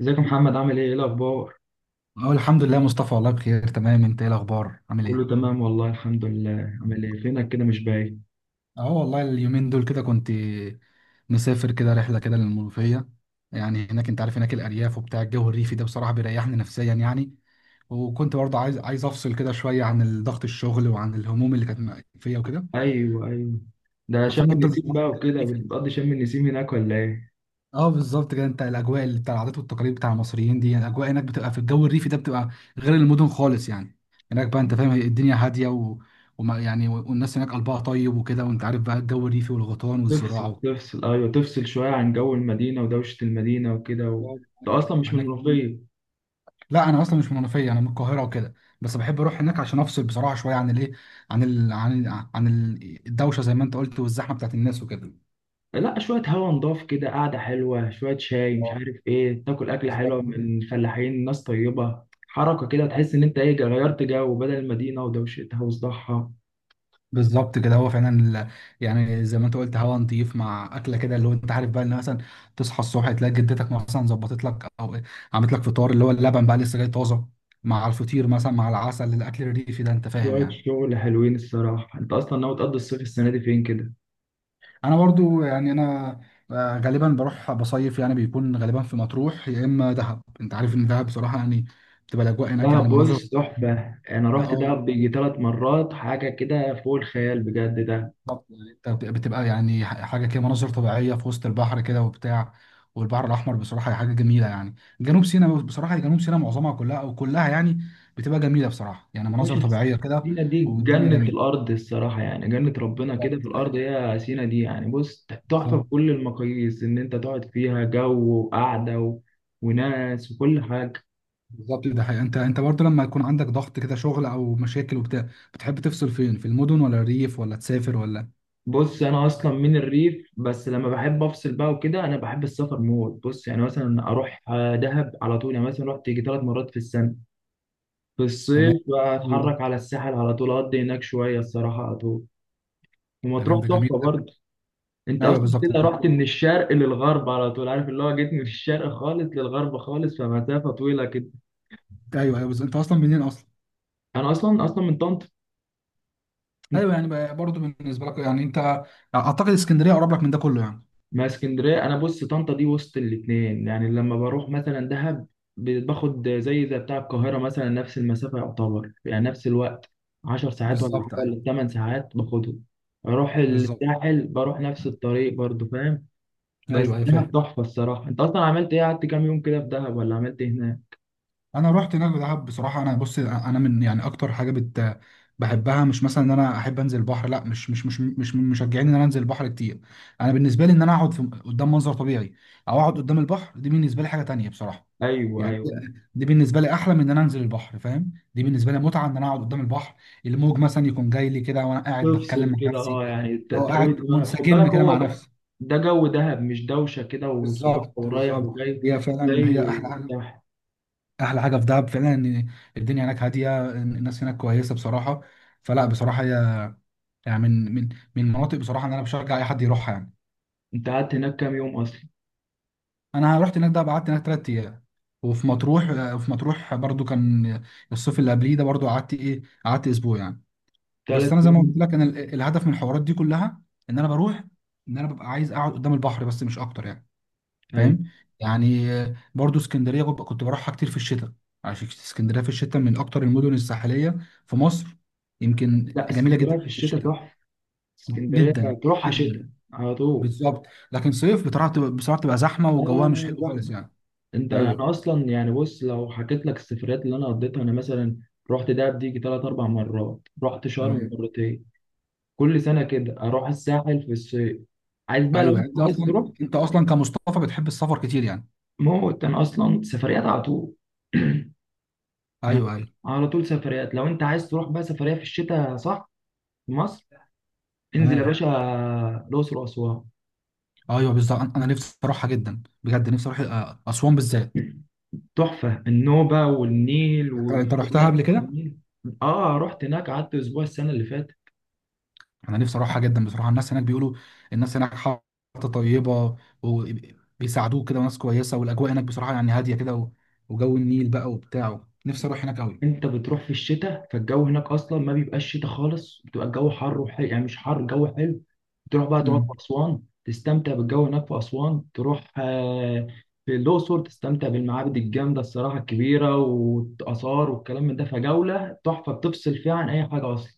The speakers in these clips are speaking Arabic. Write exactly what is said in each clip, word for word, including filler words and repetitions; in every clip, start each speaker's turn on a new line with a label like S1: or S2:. S1: ازيك يا محمد، عامل ايه ايه الاخبار؟
S2: اه، الحمد لله يا مصطفى، والله بخير تمام. انت ايه الاخبار، عامل
S1: كله
S2: ايه؟
S1: تمام والله، الحمد لله. عامل ايه؟ فينك كده مش باين؟
S2: اه والله اليومين دول كده كنت مسافر كده رحله كده للمنوفيه. يعني هناك انت عارف هناك الارياف وبتاع، الجو الريفي ده بصراحه بيريحني نفسيا يعني. وكنت برضه عايز عايز افصل كده شويه عن ضغط الشغل وعن الهموم اللي كانت فيا وكده.
S1: ايوه، ايوه. ده شم
S2: بفضل
S1: النسيم
S2: بصراحه
S1: بقى
S2: الجو
S1: وكده،
S2: الريفي.
S1: بتقضي شم النسيم هناك ولا ايه؟
S2: اه بالظبط كده، انت الاجواء اللي بتاع العادات والتقاليد بتاع المصريين دي، الاجواء هناك بتبقى في الجو الريفي ده، بتبقى غير المدن خالص يعني. هناك بقى انت فاهم، الدنيا هاديه و... وما يعني والناس هناك قلبها طيب وكده، وانت عارف بقى الجو الريفي والغيطان والزراعه
S1: تفصل
S2: و...
S1: تفصل ايوه تفصل شويه عن جو المدينه ودوشه المدينه وكده و... انت اصلا مش من
S2: هناك
S1: المنوفيه؟
S2: لا انا اصلا مش من المنوفيه، انا من القاهره وكده. بس بحب اروح هناك عشان افصل بصراحه شويه عن الايه، عن ال... عن عن ال- الدوشه زي ما انت قلت، والزحمه بتاعت الناس وكده.
S1: لا، شويه هوا نضاف كده، قعده حلوه، شويه شاي، مش
S2: آه،
S1: عارف ايه، تاكل اكله
S2: بالظبط.
S1: حلوه من الفلاحين، ناس طيبه. حركه كده تحس ان انت ايه، غيرت جو بدل المدينه ودوشتها وصداعها.
S2: بالظبط كده، هو فعلا ال- يعني زي ما انت قلت، هوا نضيف مع اكله كده، اللي هو انت عارف بقى ان مثلا تصحى الصبح تلاقي جدتك مثلا ظبطت لك او عملت لك فطار، اللي هو اللبن بقى لسه جاي طازه، مع الفطير مثلا مع العسل، الاكل الريفي ده انت فاهم
S1: شوية
S2: يعني.
S1: شغل حلوين الصراحة. انت اصلا ناوي تقضي الصيف السنة دي فين كده؟
S2: انا برضو يعني انا آه، غالبا بروح بصيف، يعني بيكون غالبا في مطروح يا اما دهب. انت عارف ان دهب بصراحه يعني بتبقى الاجواء هناك،
S1: دهب
S2: يعني مناظر.
S1: بص تحفة، انا رحت
S2: اه
S1: دهب بيجي ثلاث مرات، حاجة كده فوق الخيال بجد ده.
S2: بالظبط يعني انت بت- بتبقى يعني ح- حاجه كده، مناظر طبيعيه في وسط البحر كده وبتاع، والبحر الاحمر بصراحه هي حاجه جميله يعني. جنوب سيناء بصراحه، جنوب سيناء معظمها كلها او كلها يعني بتبقى جميله بصراحه، يعني مناظر
S1: باشا،
S2: طبيعيه كده.
S1: سينا دي
S2: والدنيا
S1: جنة
S2: جميله.
S1: الارض الصراحة يعني، جنة ربنا كده
S2: بالظبط
S1: في
S2: ده
S1: الارض
S2: حقيقه.
S1: هي سينا دي يعني. بص تحفة
S2: بالظبط.
S1: بكل المقاييس، ان انت تقعد فيها جو وقعدة و... وناس وكل حاجة.
S2: بالظبط ده حقيقه. انت انت برضه لما يكون عندك ضغط كده شغل او مشاكل وبتاع، بتحب تفصل فين؟ في المدن ولا الريف ولا تسافر ولا؟
S1: بص، انا اصلا من الريف، بس لما بحب افصل بقى وكده انا بحب السفر موت. بص يعني مثلا اروح آه، دهب على طول، يعني مثلا رحت يجي ثلاث مرات في السنه. في
S2: تمام،
S1: الصيف
S2: حلو ده.
S1: اتحرك على الساحل على طول، اقضي هناك شويه الصراحه على طول.
S2: تمام،
S1: ومطروح
S2: ده جميل
S1: تحفه
S2: ده.
S1: برضه. انت
S2: ايوه
S1: اصلا كده
S2: بالظبط.
S1: رحت
S2: ايوه،
S1: من الشرق للغرب على طول، عارف اللي هو جيت من الشرق خالص للغرب خالص، فمسافه طويله كده.
S2: ايوه بالظبط، انت اصلا منين اصلا؟
S1: انا اصلا اصلا من طنطا.
S2: ايوه يعني بقى- برضه بالنسبه لك يعني انت اعتقد اسكندريه اقرب لك من ده كله يعني.
S1: ما اسكندريه، انا بص طنطا دي وسط الاتنين يعني، لما بروح مثلا دهب ب- باخد زي زي بتاع القاهره مثلا، نفس المسافه يعتبر، يعني نفس الوقت، 10 ساعات ولا حاجه
S2: بالظبط ايوه.
S1: ولا 8 ساعات باخدهم. اروح
S2: بالظبط.
S1: الساحل بروح نفس الطريق برضو، فاهم. بس
S2: ايوه ايوه
S1: دهب
S2: فاهم.
S1: تحفه الصراحه. انت اصلا عملت ايه؟ قعدت كام يوم كده في دهب؟ ولا عملت ايه هناك؟
S2: انا رحت هناك دهب بصراحه. انا بص، انا من يعني اكتر حاجه بت بحبها، مش مثلا ان انا احب انزل البحر، لا، مش مش مش مش من مشجعين ان انا انزل البحر كتير. انا بالنسبه لي ان انا اقعد في قدام منظر طبيعي او اقعد قدام البحر، دي بالنسبه لي حاجه تانية بصراحه.
S1: ايوه،
S2: يعني دي
S1: ايوه.
S2: دي بالنسبه لي احلى من ان انا انزل البحر، فاهم؟ دي بالنسبه لي متعه، ان انا اقعد قدام البحر، الموج مثلا يكون جاي لي كده وانا قاعد بتكلم
S1: تفصل
S2: مع
S1: كده،
S2: نفسي،
S1: اه يعني ت-
S2: او
S1: ترويج
S2: قاعد
S1: دماغك، خد بالك
S2: منسجم كده مع
S1: هو ده.
S2: نفسه.
S1: ده جو دهب، مش دوشه كده وصداع
S2: بالظبط
S1: ورايح
S2: بالظبط.
S1: وجاي.
S2: هي فعلا
S1: زي
S2: هي احلى حاجه.
S1: الساحل.
S2: احلى حاجه في دهب فعلا ان الدنيا هناك هاديه، إن الناس هناك كويسه بصراحه. فلا بصراحه هي يعني من من من مناطق بصراحه ان انا بشجع اي حد يروحها يعني.
S1: انت قعدت هناك كام يوم اصلا؟
S2: انا رحت هناك ده، قعدت هناك ثلاث ايام. وفي مطروح وفي مطروح برضو، كان الصيف اللي قبليه ده برضو، قعدت ايه، قعدت اسبوع يعني. بس
S1: ثلاث
S2: انا زي ما قلت
S1: ايام.
S2: لك، انا ال- الهدف من الحوارات دي كلها ان انا بروح، ان انا ببقى عايز اقعد قدام البحر بس، مش اكتر يعني،
S1: ايوه.
S2: فاهم؟ يعني برضو اسكندريه كنت بروحها كتير في الشتاء، عشان اسكندريه في الشتاء من اكتر المدن الساحليه في مصر، يمكن
S1: لا،
S2: جميله جدا
S1: اسكندريه في
S2: في
S1: الشتاء
S2: الشتاء.
S1: تحفه. اسكندريه
S2: جدا
S1: تروحها شتاء
S2: جدا
S1: على طول.
S2: بالظبط. لكن صيف بتعرف تبقى بصراحه، تبقى زحمه
S1: لا، لا،
S2: وجوها مش
S1: لا،
S2: حلو
S1: زحمه.
S2: خالص يعني.
S1: انت انا
S2: ايوه
S1: اصلا يعني، بص لو حكيت لك السفريات اللي انا قضيتها، انا مثلا رحت دهب دي ثلاث اربع مرات، رحت شرم
S2: تمام.
S1: مرتين، كل سنه كده اروح الساحل في الصيف. عايز بقى لو
S2: ايوه
S1: انت
S2: انت
S1: عايز
S2: اصلا،
S1: تروح
S2: انت اصلا كمصطفى بتحب السفر كتير يعني.
S1: موت، انا اصلا سفريات على طول. يعني
S2: ايوه ايوه
S1: على طول سفريات. لو انت عايز تروح بقى سفريه في الشتاء صح، في مصر، انزل يا
S2: تمام.
S1: باشا الاقصر واسوان.
S2: ايوه بالظبط، انا أنا نفسي اروحها جدا، بجد نفسي اروح آه، اسوان بالذات.
S1: تحفة النوبة والنيل،
S2: انت
S1: وتاخد
S2: رحتها
S1: مركب
S2: قبل
S1: في
S2: كده؟
S1: النيل. اه، رحت هناك قعدت اسبوع السنة اللي فاتت.
S2: انا نفسي اروحها جدا بصراحه، الناس هناك بيقولوا الناس هناك حاطه طيبه، وبيساعدوك كده وناس كويسه، والاجواء هناك بصراحه يعني هاديه كده و- وجو النيل بقى وبتاع، نفسي اروح هناك قوي.
S1: انت بتروح في الشتاء، فالجو هناك اصلا ما بيبقاش شتاء خالص، بتبقى الجو حر وحلو يعني، مش حر، الجو حلو. تروح بقى تقعد في
S2: امم،
S1: اسوان، تستمتع بالجو هناك في اسوان. تروح آه في الاقصر، تستمتع بالمعابد الجامدة الصراحة الكبيرة والاثار والكلام من ده، فجولة تحفة بتفصل فيها عن اي حاجة اصلا.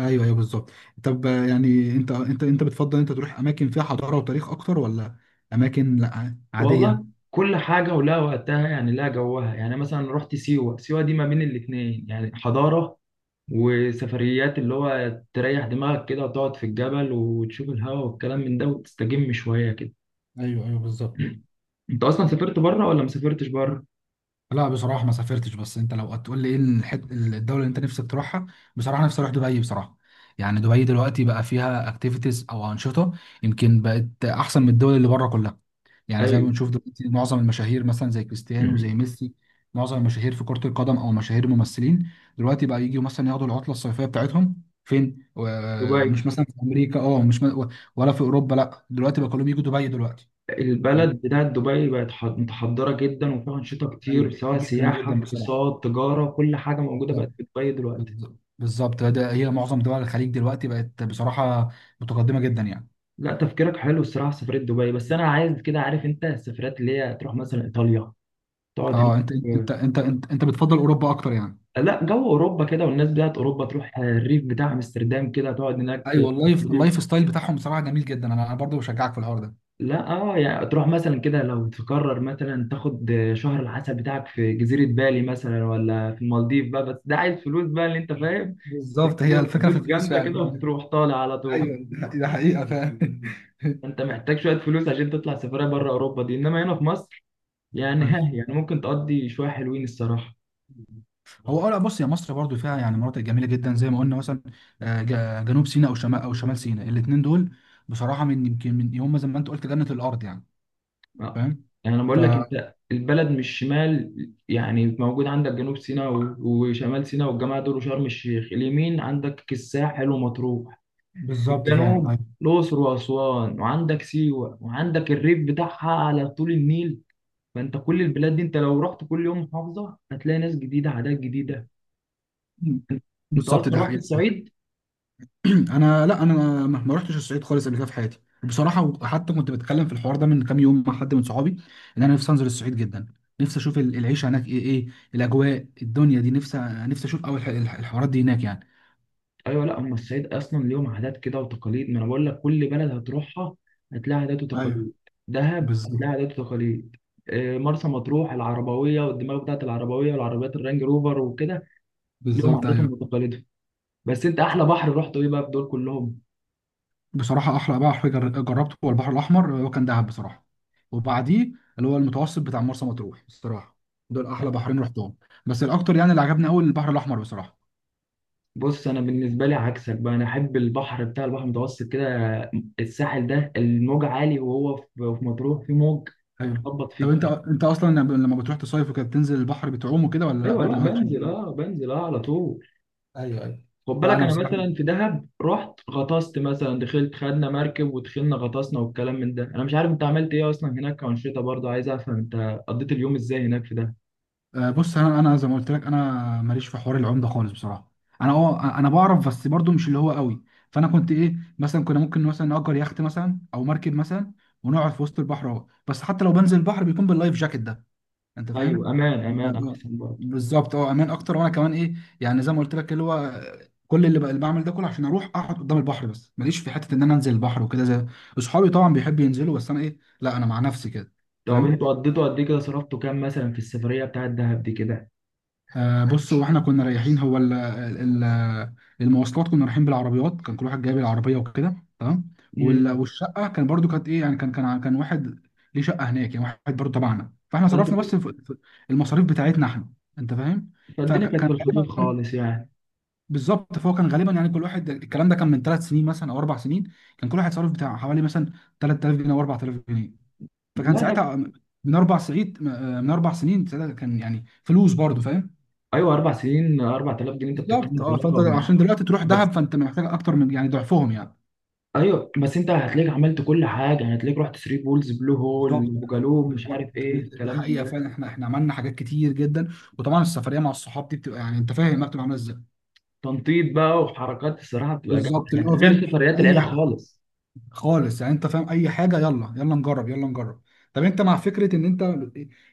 S2: ايوه ايوه بالظبط. طب آه، يعني انت انت انت بتفضل انت تروح اماكن فيها حضاره وتاريخ اكتر، ولا اماكن لا عاديه؟
S1: والله كل حاجة ولها وقتها يعني، لها جوها يعني. مثلا رحت سيوة، سيوة دي ما بين الاتنين يعني، حضارة وسفريات اللي هو تريح دماغك كده، وتقعد في الجبل وتشوف الهواء والكلام من ده، وتستجم شوية كده.
S2: ايوه ايوه بالظبط.
S1: انت اصلا سافرت بره ولا ما سافرتش بره؟
S2: لا بصراحة ما سافرتش، بس انت لو هتقول لي ايه الحت... الدولة اللي انت نفسك تروحها، بصراحة نفسي اروح دبي بصراحة. يعني دبي دلوقتي بقى فيها اكتيفيتيز او انشطة، يمكن بقت احسن من الدول اللي بره كلها. يعني زي ما
S1: ايوه.
S2: بنشوف دلوقتي، معظم المشاهير مثلا زي كريستيانو وزي ميسي، معظم المشاهير في كرة القدم او مشاهير ممثلين، دلوقتي بقى يجوا مثلا ياخدوا العطلة الصيفية بتاعتهم فين؟ و-
S1: دبي.
S2: مش مثلا في امريكا، اه مش م... ولا في اوروبا، لا دلوقتي بقى كلهم يجوا دبي دلوقتي. فاهم.
S1: البلد بتاعت دبي بقت ح- متحضرة جدا، وفيها أنشطة كتير،
S2: ايوه
S1: سواء
S2: جدا
S1: سياحة
S2: جدا بصراحة.
S1: اقتصاد تجارة، كل حاجة موجودة بقت في دبي دلوقتي.
S2: بالظ- بالظبط ده، هي معظم دول الخليج دلوقتي بقت بصراحه متقدمه جدا يعني.
S1: لا تفكيرك حلو الصراحه في سفريه دبي، بس انا عايز كده، عارف انت السفرات اللي هي تروح مثلا ايطاليا، تقعد هناك
S2: اه انت
S1: آه،
S2: انت انت انت, انت بتفضل اوروبا اكتر يعني.
S1: لا، جو اوروبا كده، والناس بتاعت اوروبا، تروح آه، الريف بتاع امستردام كده، تقعد هناك في
S2: ايوه، اللايف
S1: الريف.
S2: اللايف ستايل بتاعهم بصراحه جميل جدا. انا انا برضه بشجعك في الحوار ده.
S1: لا اه يعني تروح مثلا كده، لو تقرر مثلا تاخد آه، شهر العسل بتاعك في جزيره بالي مثلا، ولا في المالديف بقى، بس ده عايز فلوس بقى اللي انت فاهم.
S2: بالظبط، هي
S1: فلوس
S2: الفكره في الفلوس
S1: جامده كده
S2: فعلا.
S1: وتروح طالع على طول.
S2: ايوه ده ده حقيقه فعلا.
S1: انت محتاج شويه فلوس عشان تطلع سفريه بره اوروبا دي، انما هنا في مصر يعني ها يعني ممكن تقضي شوية حلوين الصراحة.
S2: هو اه لا بص، يا مصر برضو فيها يعني مناطق جميله جدا زي ما قلنا، مثلا آه، ج- جنوب سيناء او شمال او شمال سيناء، الاثنين دول بصراحه من يمكن من هم زي ما انت قلت جنه الارض يعني،
S1: آه.
S2: فاهم.
S1: يعني أنا
S2: ف
S1: بقول لك أنت، البلد مش شمال يعني، موجود عندك جنوب سيناء و- وشمال سيناء والجماعة دول وشرم الشيخ، اليمين عندك الساحل ومطروح، في
S2: بالظبط فعلا
S1: الجنوب
S2: أيوة.
S1: الأقصر وأسوان، وعندك سيوة، وعندك الريف بتاعها على طول النيل. فأنت كل البلاد دي، أنت لو رحت كل يوم محافظة هتلاقي ناس جديدة عادات جديدة.
S2: مم.
S1: أنت
S2: بالظبط
S1: أصلا
S2: ده
S1: رحت
S2: حقيقة.
S1: الصعيد؟
S2: انا لا انا ما ما رحتش الصعيد خالص قبل كده في حياتي بصراحة. وحتى كنت بتكلم في الحوار ده من كام يوم مع حد من صحابي ان انا نفسي انزل الصعيد جدا. نفسي اشوف ال- العيشة هناك ايه، ايه الاجواء، الدنيا دي نفسي نفسي اشوف اول الحوارات دي هناك يعني.
S1: ايوه. لا هم الصعيد اصلا ليهم عادات كده وتقاليد، ما انا بقول لك كل بلد هتروحها هتلاقي عادات
S2: ايوه
S1: وتقاليد. دهب
S2: بالظبط.
S1: هتلاقي عادات وتقاليد، آه، مرسى مطروح العربويه، والدماغ بتاعت العربويه والعربيات الرانج روفر وكده، ليهم
S2: بالظبط
S1: عاداتهم
S2: ايوه.
S1: وتقاليدهم. بس انت احلى بحر رحته ايه بقى في دول كلهم؟
S2: بصراحة أحلى بحر جر- جربته هو البحر الأحمر، هو كان دهب بصراحة، وبعديه اللي هو المتوسط بتاع مرسى مطروح بصراحة، دول أحلى بحرين رحتهم. بس الأكتر يعني اللي عجبني أوي البحر الأحمر بصراحة.
S1: بص انا بالنسبه لي عكسك بقى، انا احب البحر بتاع البحر المتوسط كده، الساحل ده الموج عالي، وهو في في مطروح في موج
S2: ايوه.
S1: يخبط
S2: طب
S1: فيك.
S2: انت انت اصلا لما بتروح تصيف وكده، بتنزل البحر بتعوم وكده، ولا لا
S1: ايوه.
S2: برضه
S1: لا،
S2: مالكش في
S1: بنزل
S2: الكلام؟
S1: اه، بنزل اه على طول.
S2: ايوه ايوه.
S1: خد
S2: لا
S1: بالك
S2: انا
S1: انا
S2: بصراحه،
S1: مثلا في دهب رحت غطست مثلا، دخلت خدنا مركب ودخلنا غطسنا والكلام من ده. انا مش عارف انت عملت ايه اصلا هناك كأنشطة، برضه عايز افهم انت قضيت اليوم ازاي هناك في دهب.
S2: آه، بص انا انا زي ما قلت لك، انا ماليش في حوار العوم ده خالص بصراحه. انا اه انا بعرف بس برضو مش اللي هو قوي. فانا كنت ايه مثلا، كنا ممكن مثلا نأجر يخت مثلا او مركب مثلا ونقعد في وسط البحر اهو، بس حتى لو بنزل البحر بيكون باللايف جاكيت ده، انت
S1: ايوه،
S2: فاهم؟
S1: امان امان
S2: أنت-
S1: احسن برضه.
S2: بالظبط، اه امان اكتر. وانا كمان ايه يعني، زي ما قلت لك اللي هو كل اللي, بقى اللي بعمل ده كله عشان اروح اقعد قدام البحر بس، ماليش في حته ان انا انزل البحر وكده، زي اصحابي طبعا بيحبوا ينزلوا، بس انا ايه لا انا مع نفسي كده.
S1: طب
S2: فاهم.
S1: انتوا قضيتوا قد ايه كده؟ صرفتوا كام مثلا في السفرية بتاعت دهب دي كده؟
S2: آه بص، هو احنا كنا رايحين، هو ال ال المواصلات كنا رايحين بالعربيات، كان كل واحد جايب العربيه وكده تمام. وال-
S1: امم.
S2: والشقه كان برضو كانت ايه يعني، كان كان ع- كان واحد ليه شقه هناك يعني، واحد برضو تبعنا، فاحنا
S1: ده انتوا
S2: صرفنا
S1: كده
S2: بس في في المصاريف بتاعتنا احنا، انت فاهم.
S1: فالدنيا كانت
S2: فكان
S1: في الخفيف
S2: غالبا
S1: خالص يعني.
S2: بالظبط، فهو كان غالبا يعني، كل واحد، الكلام ده كان من ثلاث سنين مثلا او اربع سنين، كان كل واحد صرف بتاع حوالي مثلا تلت تلاف جنيه او اربع تلاف جنيه. فكان
S1: لا ده
S2: ساعتها من اربع سعيد من اربع سنين، ساعتها كان يعني فلوس برضو، فاهم.
S1: ايوه، اربع سنين اربع تلاف جنيه؟ انت
S2: بالظبط
S1: بتتكلم في
S2: اه، فانت
S1: رقم
S2: عشان دلوقتي تروح
S1: بس.
S2: دهب فانت محتاج اكتر من يعني ضعفهم يعني.
S1: ايوه بس انت هتلاقيك عملت كل حاجه، يعني هتلاقيك رحت ثري بولز، بلو هول،
S2: بالظبط.
S1: وجالوب، مش
S2: بالظبط
S1: عارف ايه
S2: ده
S1: الكلام
S2: حقيقه
S1: ده.
S2: فعلا، احنا احنا عملنا حاجات كتير جدا، وطبعا السفريه مع الصحاب دي بتبقى يعني انت فاهم ما بتبقى عامله ازاي.
S1: تنطيط بقى وحركات الصراحه بتبقى جامده،
S2: بالظبط اللي
S1: يعني
S2: هو
S1: غير
S2: فاهم،
S1: سفريات العيله
S2: اي حاجه
S1: خالص.
S2: خالص يعني انت فاهم، اي حاجه يلا، يلا نجرب يلا نجرب. طب انت مع فكره ان انت،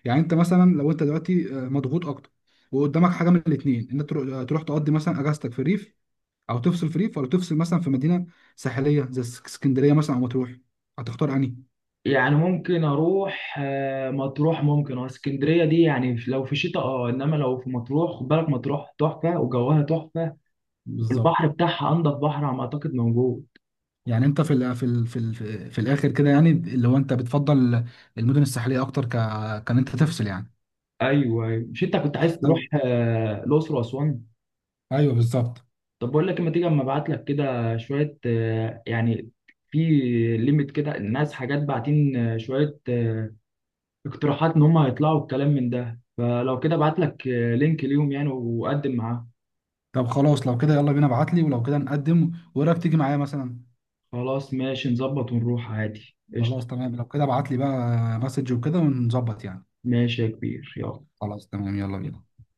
S2: يعني انت مثلا لو انت دلوقتي آه، مضغوط اكتر، وقدامك حاجه من الاثنين، ان انت تروح تروح تقضي مثلا اجازتك في ريف او تفصل في ريف، ولا تفصل مثلا في مدينه ساحليه زي اسكندريه مثلا او مطروح، هتختار انهي؟
S1: يعني ممكن اروح آه، مطروح ممكن، واسكندريه دي يعني في- لو في شتاء اه، انما لو في مطروح خد بالك مطروح تحفه وجوها تحفه،
S2: بالظبط
S1: والبحر بتاعها انضف بحر على ما اعتقد موجود.
S2: يعني انت في ال في ال في ال في الاخر كده يعني، اللي هو انت بتفضل المدن الساحليه اكتر، ك كان انت تفصل يعني.
S1: ايوه، ايوه. مش انت كنت عايز
S2: طب
S1: تروح آه، الاقصر واسوان؟
S2: ايوه بالظبط.
S1: طب بقول لك، اما تيجي اما ابعت لك كده شويه آه، يعني، في ليميت كده الناس حاجات باعتين آه، شويه آه، اقتراحات، ان هم هيطلعوا الكلام من ده، فلو كده ابعت لك لينك ليهم يعني، وقدم معاه.
S2: طب خلاص لو كده يلا بينا، ابعت لي، ولو كده نقدم، وايه رايك تيجي معايا مثلا؟
S1: خلاص ماشي، نظبط ونروح عادي، قشطة.
S2: خلاص تمام، لو كده ابعت لي بقى مسج وكده ونظبط يعني.
S1: ماشي يا كبير يلا.
S2: خلاص تمام يلا بينا.